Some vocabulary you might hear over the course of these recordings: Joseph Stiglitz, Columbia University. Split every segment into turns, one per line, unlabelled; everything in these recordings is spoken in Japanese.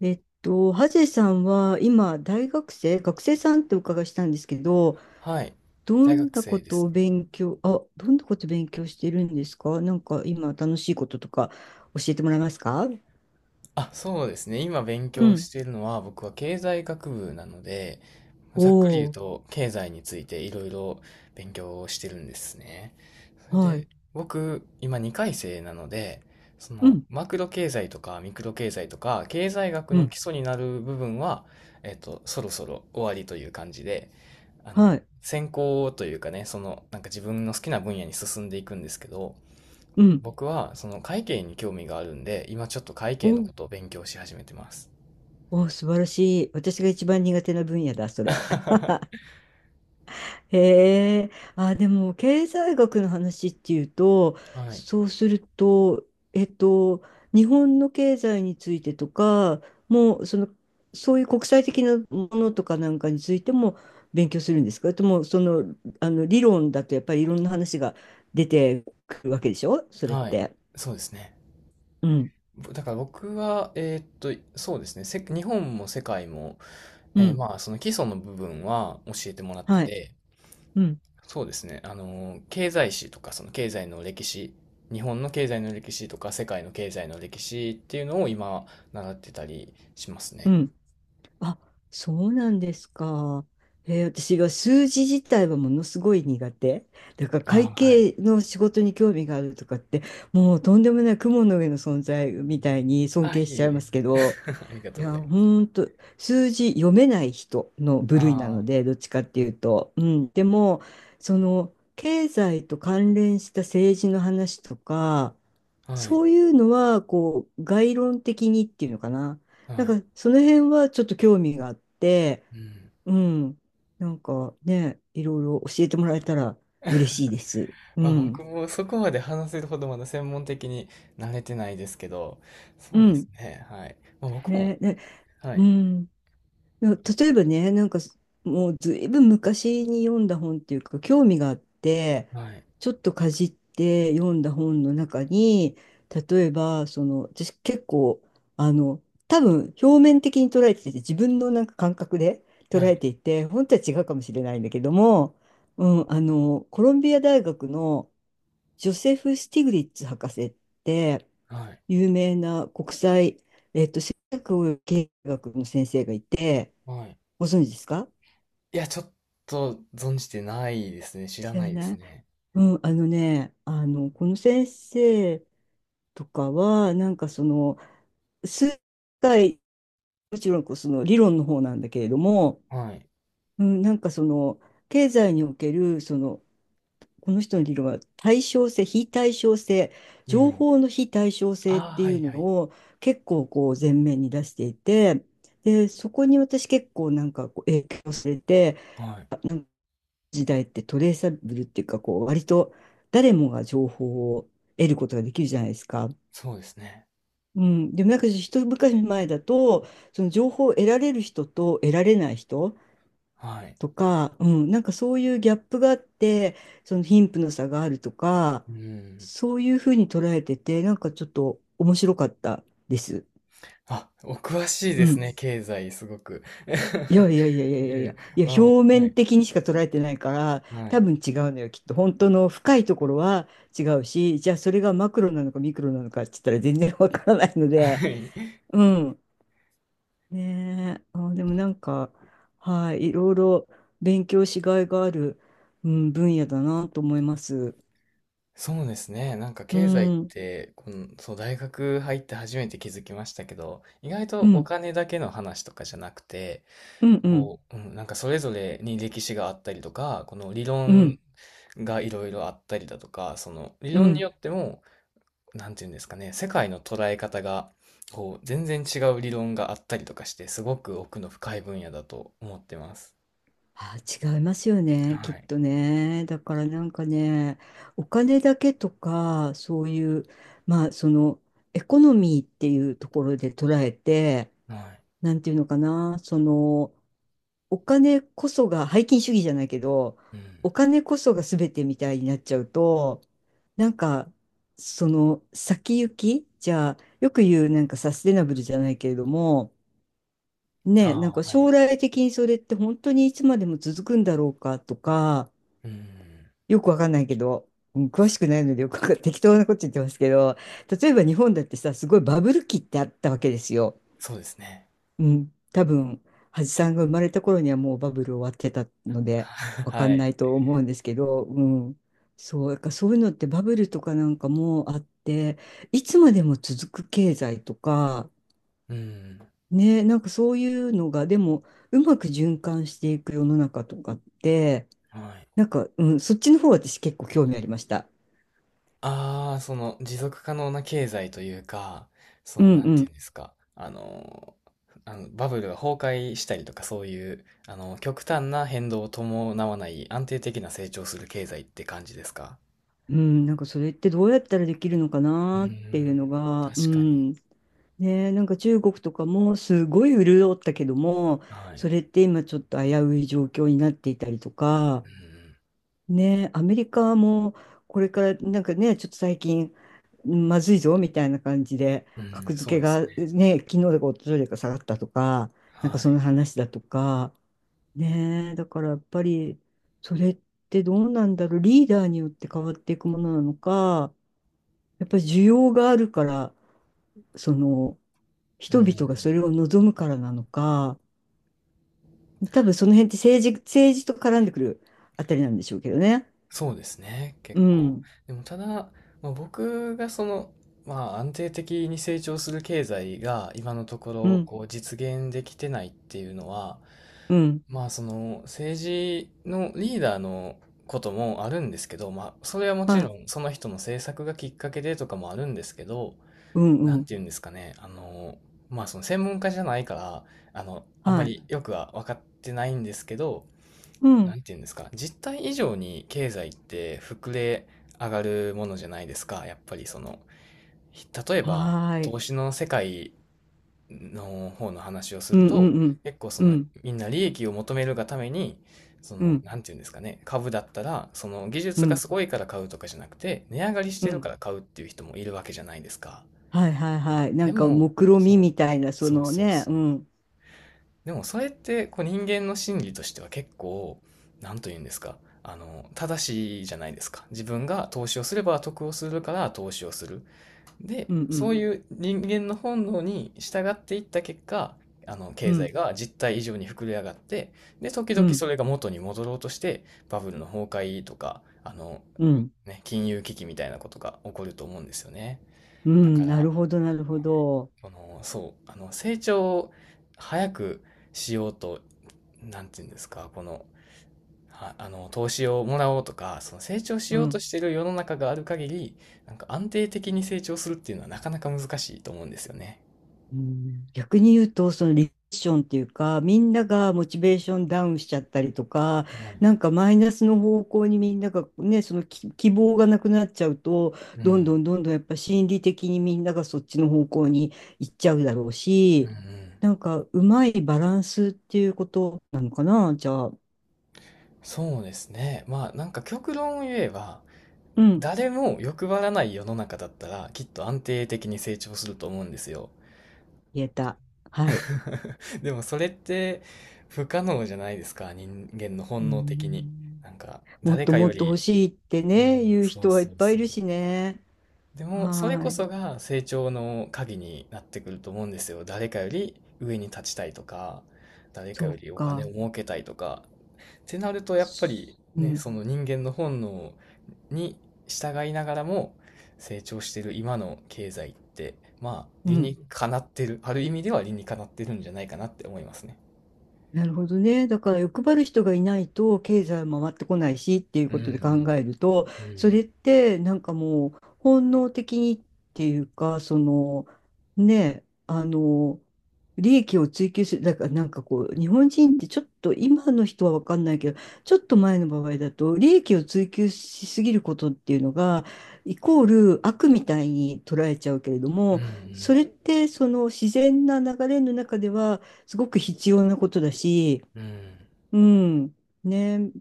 ハゼさんは今、大学生、学生さんってお伺いしたんですけど、
はい。
ど
大
ん
学
な
生
こ
で
と
す
を
ね。
勉強、あ、どんなこと勉強してるんですか？なんか今、楽しいこととか教えてもらえますか？
あ、そうですね。今勉
う
強し
ん。
ているのは、僕は経済学部なので、ざっくり言う
おー、
と、経済についていろいろ勉強をしてるんですね。それ
は
で、
い。
僕、今2回生なので、そ
う
の、
ん、
マクロ経済とかミクロ経済とか、経済学
う
の基
ん、
礎になる部分は、そろそろ終わりという感じで、あ
は
の、
い。
専攻というかね、その、なんか自分の好きな分野に進んでいくんですけど、
うん。
僕はその会計に興味があるんで、今ちょっと会
お
計の
ー、
ことを勉強し始めてます。
おー、素晴らしい。私が一番苦手な分野だ、それ。へえ、あ、でも経済学の話っていうと、
はい。
そうすると、えっと、日本の経済についてとか、もうその、そういう国際的なものとかなんかについても勉強するんですか？それとも、その、あの理論だとやっぱりいろんな話が出てくるわけでしょ、それっ
はい。
て。
そうですね。
うん、
だから僕は、そうですね。日本も世界も、
うん、
まあ、その基礎の部分は教えてもらって
はい、
て、
うん、
そうですね。経済史とか、その経済の歴史、日本の経済の歴史とか、世界の経済の歴史っていうのを今、習ってたりします
う
ね。
ん。あ、そうなんですか。私は数字自体はものすごい苦手。だから会
ああ、はい。
計の仕事に興味があるとかって、もうとんでもない雲の上の存在みたいに尊
あ、
敬
い
し
え
ちゃい
い
ま
え。
すけど、
ありが
い
とうご
や、
ざいます。
ほんと、数字読めない人の部類なの
あ
で、どっちかっていうと。うん。でも、その、経済と関連した政治の話とか、
あ、は
そ
い。
ういうのは、こう、概論的にっていうのかな。
は
なん
い。
か、その辺はちょっと興味があって、
うん。
うん。なんかね、いろいろ教えてもらえたら嬉しいです。う
まあ僕
ん。
もそこまで話せるほどまだ専門的に慣れてないですけど、
う
そうです
ん。
ね。はい。まあ僕も、
ね、ね、
は
う
い。
ん。いや、例えばね、なんかもうずいぶん昔に読んだ本っていうか、興味があって、
はい。
ちょっとかじって読んだ本の中に、例えば、その、私結構、あの、多分表面的に捉えてて、自分のなんか感覚で
は
捉え
い。
ていて、本当は違うかもしれないんだけども、うん、コロンビア大学のジョセフ・スティグリッツ博士って、
はい。
有名な国際、
はい。
ご存知ですか？
いや、ちょっと存じてないですね。知ら
知
な
ら
いで
な
す
い。
ね。
うん、あのね、この先生とかは、なんかその、数回、もちろんこうその理論の方なんだけれども、
はい。
うん、なんかその、経済における、その、この人の理論は対称性、非対称性、
う
情
ん。
報の非対称
あ
性っ
あ、
て
は
い
い
うの
はい。
を結構こう前面に出していて、で、そこに私結構なんかこう影響されて、
はい。
時代ってトレーサブルっていうか、こう、割と誰もが情報を得ることができるじゃないですか。
そうですね。
うん。でもなんか一昔前だと、その情報を得られる人と得られない人
はい。
とか、うん、なんかそういうギャップがあって、その貧富の差があるとか、
うん。
そういうふうに捉えてて、なんかちょっと面白かったです。
あ、お詳しい
う
です
ん。
ね。経済、すごく。
いや いやいやいやい
いえ
や
い
いや、
え、
いや、
わお。
表
は
面
い。
的にしか捉えてないから
は
多
い。
分違うのよ、きっと本当の深いところは違うし、じゃあそれがマクロなのかミクロなのかって言ったら全然わからないので。
はい。
うん。ねえ、あ、でもなんか、はい、いろいろ勉強しがいがある、うん、分野だなと思います。
そうですね。なんか
う
経済っ
んうん
て、この、そう、大学入って初めて気づきましたけど、意外と
う
お
ん
金だけの話とかじゃなくて、
うん
こう、うん、なんかそれぞれに歴史があったりとか、この理
う
論
ん
がいろいろあったりだとか、その理
う
論に
ん。
よっても、なんていうんですかね、世界の捉え方が、こう、全然違う理論があったりとかして、すごく奥の深い分野だと思ってます。
あ、違いますよね、き
は
っ
い。
とね。だからなんかね、お金だけとか、そういう、まあ、その、エコノミーっていうところで捉えて、
は
なんていうのかな、その、お金こそが、拝金主義じゃないけど、
い。うん。
お金こそが全てみたいになっちゃうと、なんか、その、先行き、じゃあ、よく言う、なんかサステナブルじゃないけれども、
あ
ねえ、な
あ、
んか
は
将
い。
来的にそれって本当にいつまでも続くんだろうかとか、
うん。
よくわかんないけど、うん、詳しくないのでよくわかん 適当なこと言ってますけど、例えば日本だってさ、すごいバブル期ってあったわけですよ。
そうですね。
うん、多分、橋さんが生まれた頃にはもうバブル終わってたので、わか
は
んな
い。
いと思うんですけど、うん、そう、だからそういうのってバブルとかなんかもあって、いつまでも続く経済とか、
うん。
ね、なんかそういうのが、でも、うまく循環していく世の中とかって、
はい。
なんか、うん、そっちの方私結構興味ありました。
ああ、その持続可能な経済というか、そ
う
の、
ん
なん
う
ていうん
ん。
ですか、あの、あのバブルが崩壊したりとか、そういう、あの、極端な変動を伴わない安定的な成長する経済って感じですか？
うん、なんかそれってどうやったらできるのか
うー
なっていう
ん、
のが、う
確かに。
ん。ね、なんか中国とかもすごい潤ったけども、
は
そ
い。
れって今ちょっと危うい状況になっていたりとか、ね、アメリカもこれからなんかね、ちょっと最近まずいぞみたいな感じで、
うん、うん、
格
そ
付
う
け
です
が
ね。
ね、昨日だか一昨日か下がったとか、
は
なんかその
い。
話だとか、ね、だからやっぱりそれってどうなんだろう、リーダーによって変わっていくものなのか、やっぱり需要があるから、その
う
人々が
ん。
それを望むからなのか、多分その辺って政治と絡んでくるあたりなんでしょうけどね。
そうですね、
う
結構。
ん、
でもただ、まあ、僕がその、まあ安定的に成長する経済が今のとこ
う
ろ
ん、
こう実現できてないっていうのは、
うん。
まあその政治のリーダーのこともあるんですけど、まあそれはもち
は
ろ
い。
んその人の政策がきっかけでとかもあるんですけど、
うん
な
う
んて
ん。
言うんですかね、あの、まあその専門家じゃないから、あの、あんま
はい。
りよくは分かってないんですけど、
う
なん
ん。
て言うんですか、実態以上に経済って膨れ上がるものじゃないですか。やっぱりその、例えば
はー
投
い。
資の世界の方の話をす
う
る
んう
と、
んうん。
結構そ
う
の
ん
みんな利益を求めるがために、そ
う
の、
ん
なんて言うんですかね、株だったら、その技
う
術が
ん
すごいから買うとかじゃなくて、値上がりし
う
てるから
ん。
買うっていう人もいるわけじゃないですか。
はいはいはい。な
で
んか
も、
目論見
そ
み
う、
みたいな、そ
そう
の
そう
ね。
そ
う
う。
ん。
でもそれってこう人間の心理としては結構何と言うんですか、あの正しいじゃないですか。自分が投資をすれば得をするから投資をする。
うん
で
う
そう
ん
いう人間の本能に従っていった結果、あの
う
経済
ん
が実態以上に膨れ上がって、で時
う
々
ん
それが元に戻ろうとして、バブルの崩壊とかあの、
うん
ね、金融危機みたいなことが起こると思うんですよね。
う
だか
ん。な
ら
るほどなるほ
ま
ど。
あの、そう、あの、成長を早くしようと、なんていうんですか、この、あの、投資をもらおうとか、その成長し
う
ようと
ん。
している世の中がある限り、なんか安定的に成長するっていうのはなかなか難しいと思うんですよね。
うん、逆に言うと、そのリセッションっていうか、みんながモチベーションダウンしちゃったりとか、
はい。
なんかマイナスの方向にみんながね、その希望がなくなっちゃうと、
う
どんど
ん。
んどんどんやっぱ心理的にみんながそっちの方向に行っちゃうだろう
うんう
し、
ん。
なんかうまいバランスっていうことなのかな、じゃあ。
そうですね。まあ、なんか極論を言えば、
うん、
誰も欲張らない世の中だったら、きっと安定的に成長すると思うんですよ。
言えた。はい。
でもそれって不可能じゃないですか、人間の
う
本能的に。な
ん、
んか、
もっ
誰
と
か
も
よ
っと欲
り、
しいって
うん、
ね、言う
そう
人はいっ
そう
ぱいい
そう。
るしね。
でも、それ
は
こ
い。
そが成長の鍵になってくると思うんですよ。誰かより上に立ちたいとか、誰か
そ
よ
う
りお金
か。
を儲けたいとか。ってなると、やっぱり
う
ね、
ん、
その人間の本能に従いながらも成長してる今の経済って、まあ、
う
理に
ん。
かなってる、ある意味では理にかなってるんじゃないかなって思いますね。
なるほどね。だから欲張る人がいないと経済も回ってこないしっていう
う
ことで考
ん、
えると、
う
それ
ん、
ってなんかもう本能的にっていうか、そのね、利益を追求する、だからなんかこう、日本人ってちょっと今の人は分かんないけど、ちょっと前の場合だと、利益を追求しすぎることっていうのが、イコール悪みたいに捉えちゃうけれど
う
も、そ
ん、
れってその自然な流れの中では、すごく必要なことだし、
うん、うん、
うん、ね、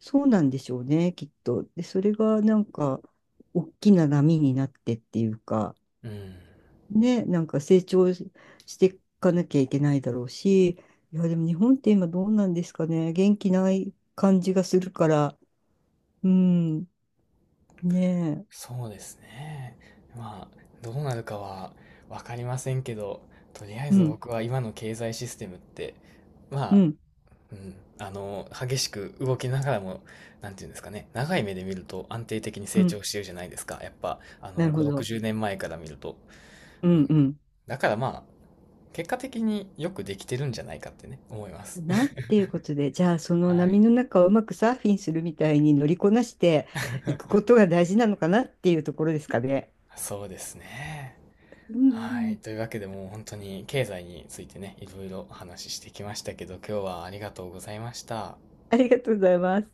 そうなんでしょうね、きっと。で、それがなんか、大きな波になってっていうか、
うん。
ね、なんか成長していかなきゃいけないだろうし、いや、でも日本って今どうなんですかね、元気ない感じがするから、うん、ねえ、
そうですね。まあ、どうなるかはわかりませんけど、とりあえ
う
ず
ん、
僕は今の経済システムって、ま
う
あ、
ん、
うん、あの、激しく動きながらも、なんていうんですかね、長い目で見ると安定的に
う
成
ん、
長してるじゃないですか。やっぱ、あ
な
の、
るほ
5、
ど。
60年前から見ると。
う
うん、
ん、うん。
だからまあ、結果的によくできてるんじゃないかってね、思います。
なっ ていうことで、じゃあその
はい。
波の中をうまくサーフィンするみたいに乗りこなしていくことが大事なのかなっていうところですかね。
そうですね。
うんう
はい。
ん、
というわけでもう本当に経済についてね、いろいろお話ししてきましたけど、今日はありがとうございました。
ありがとうございます。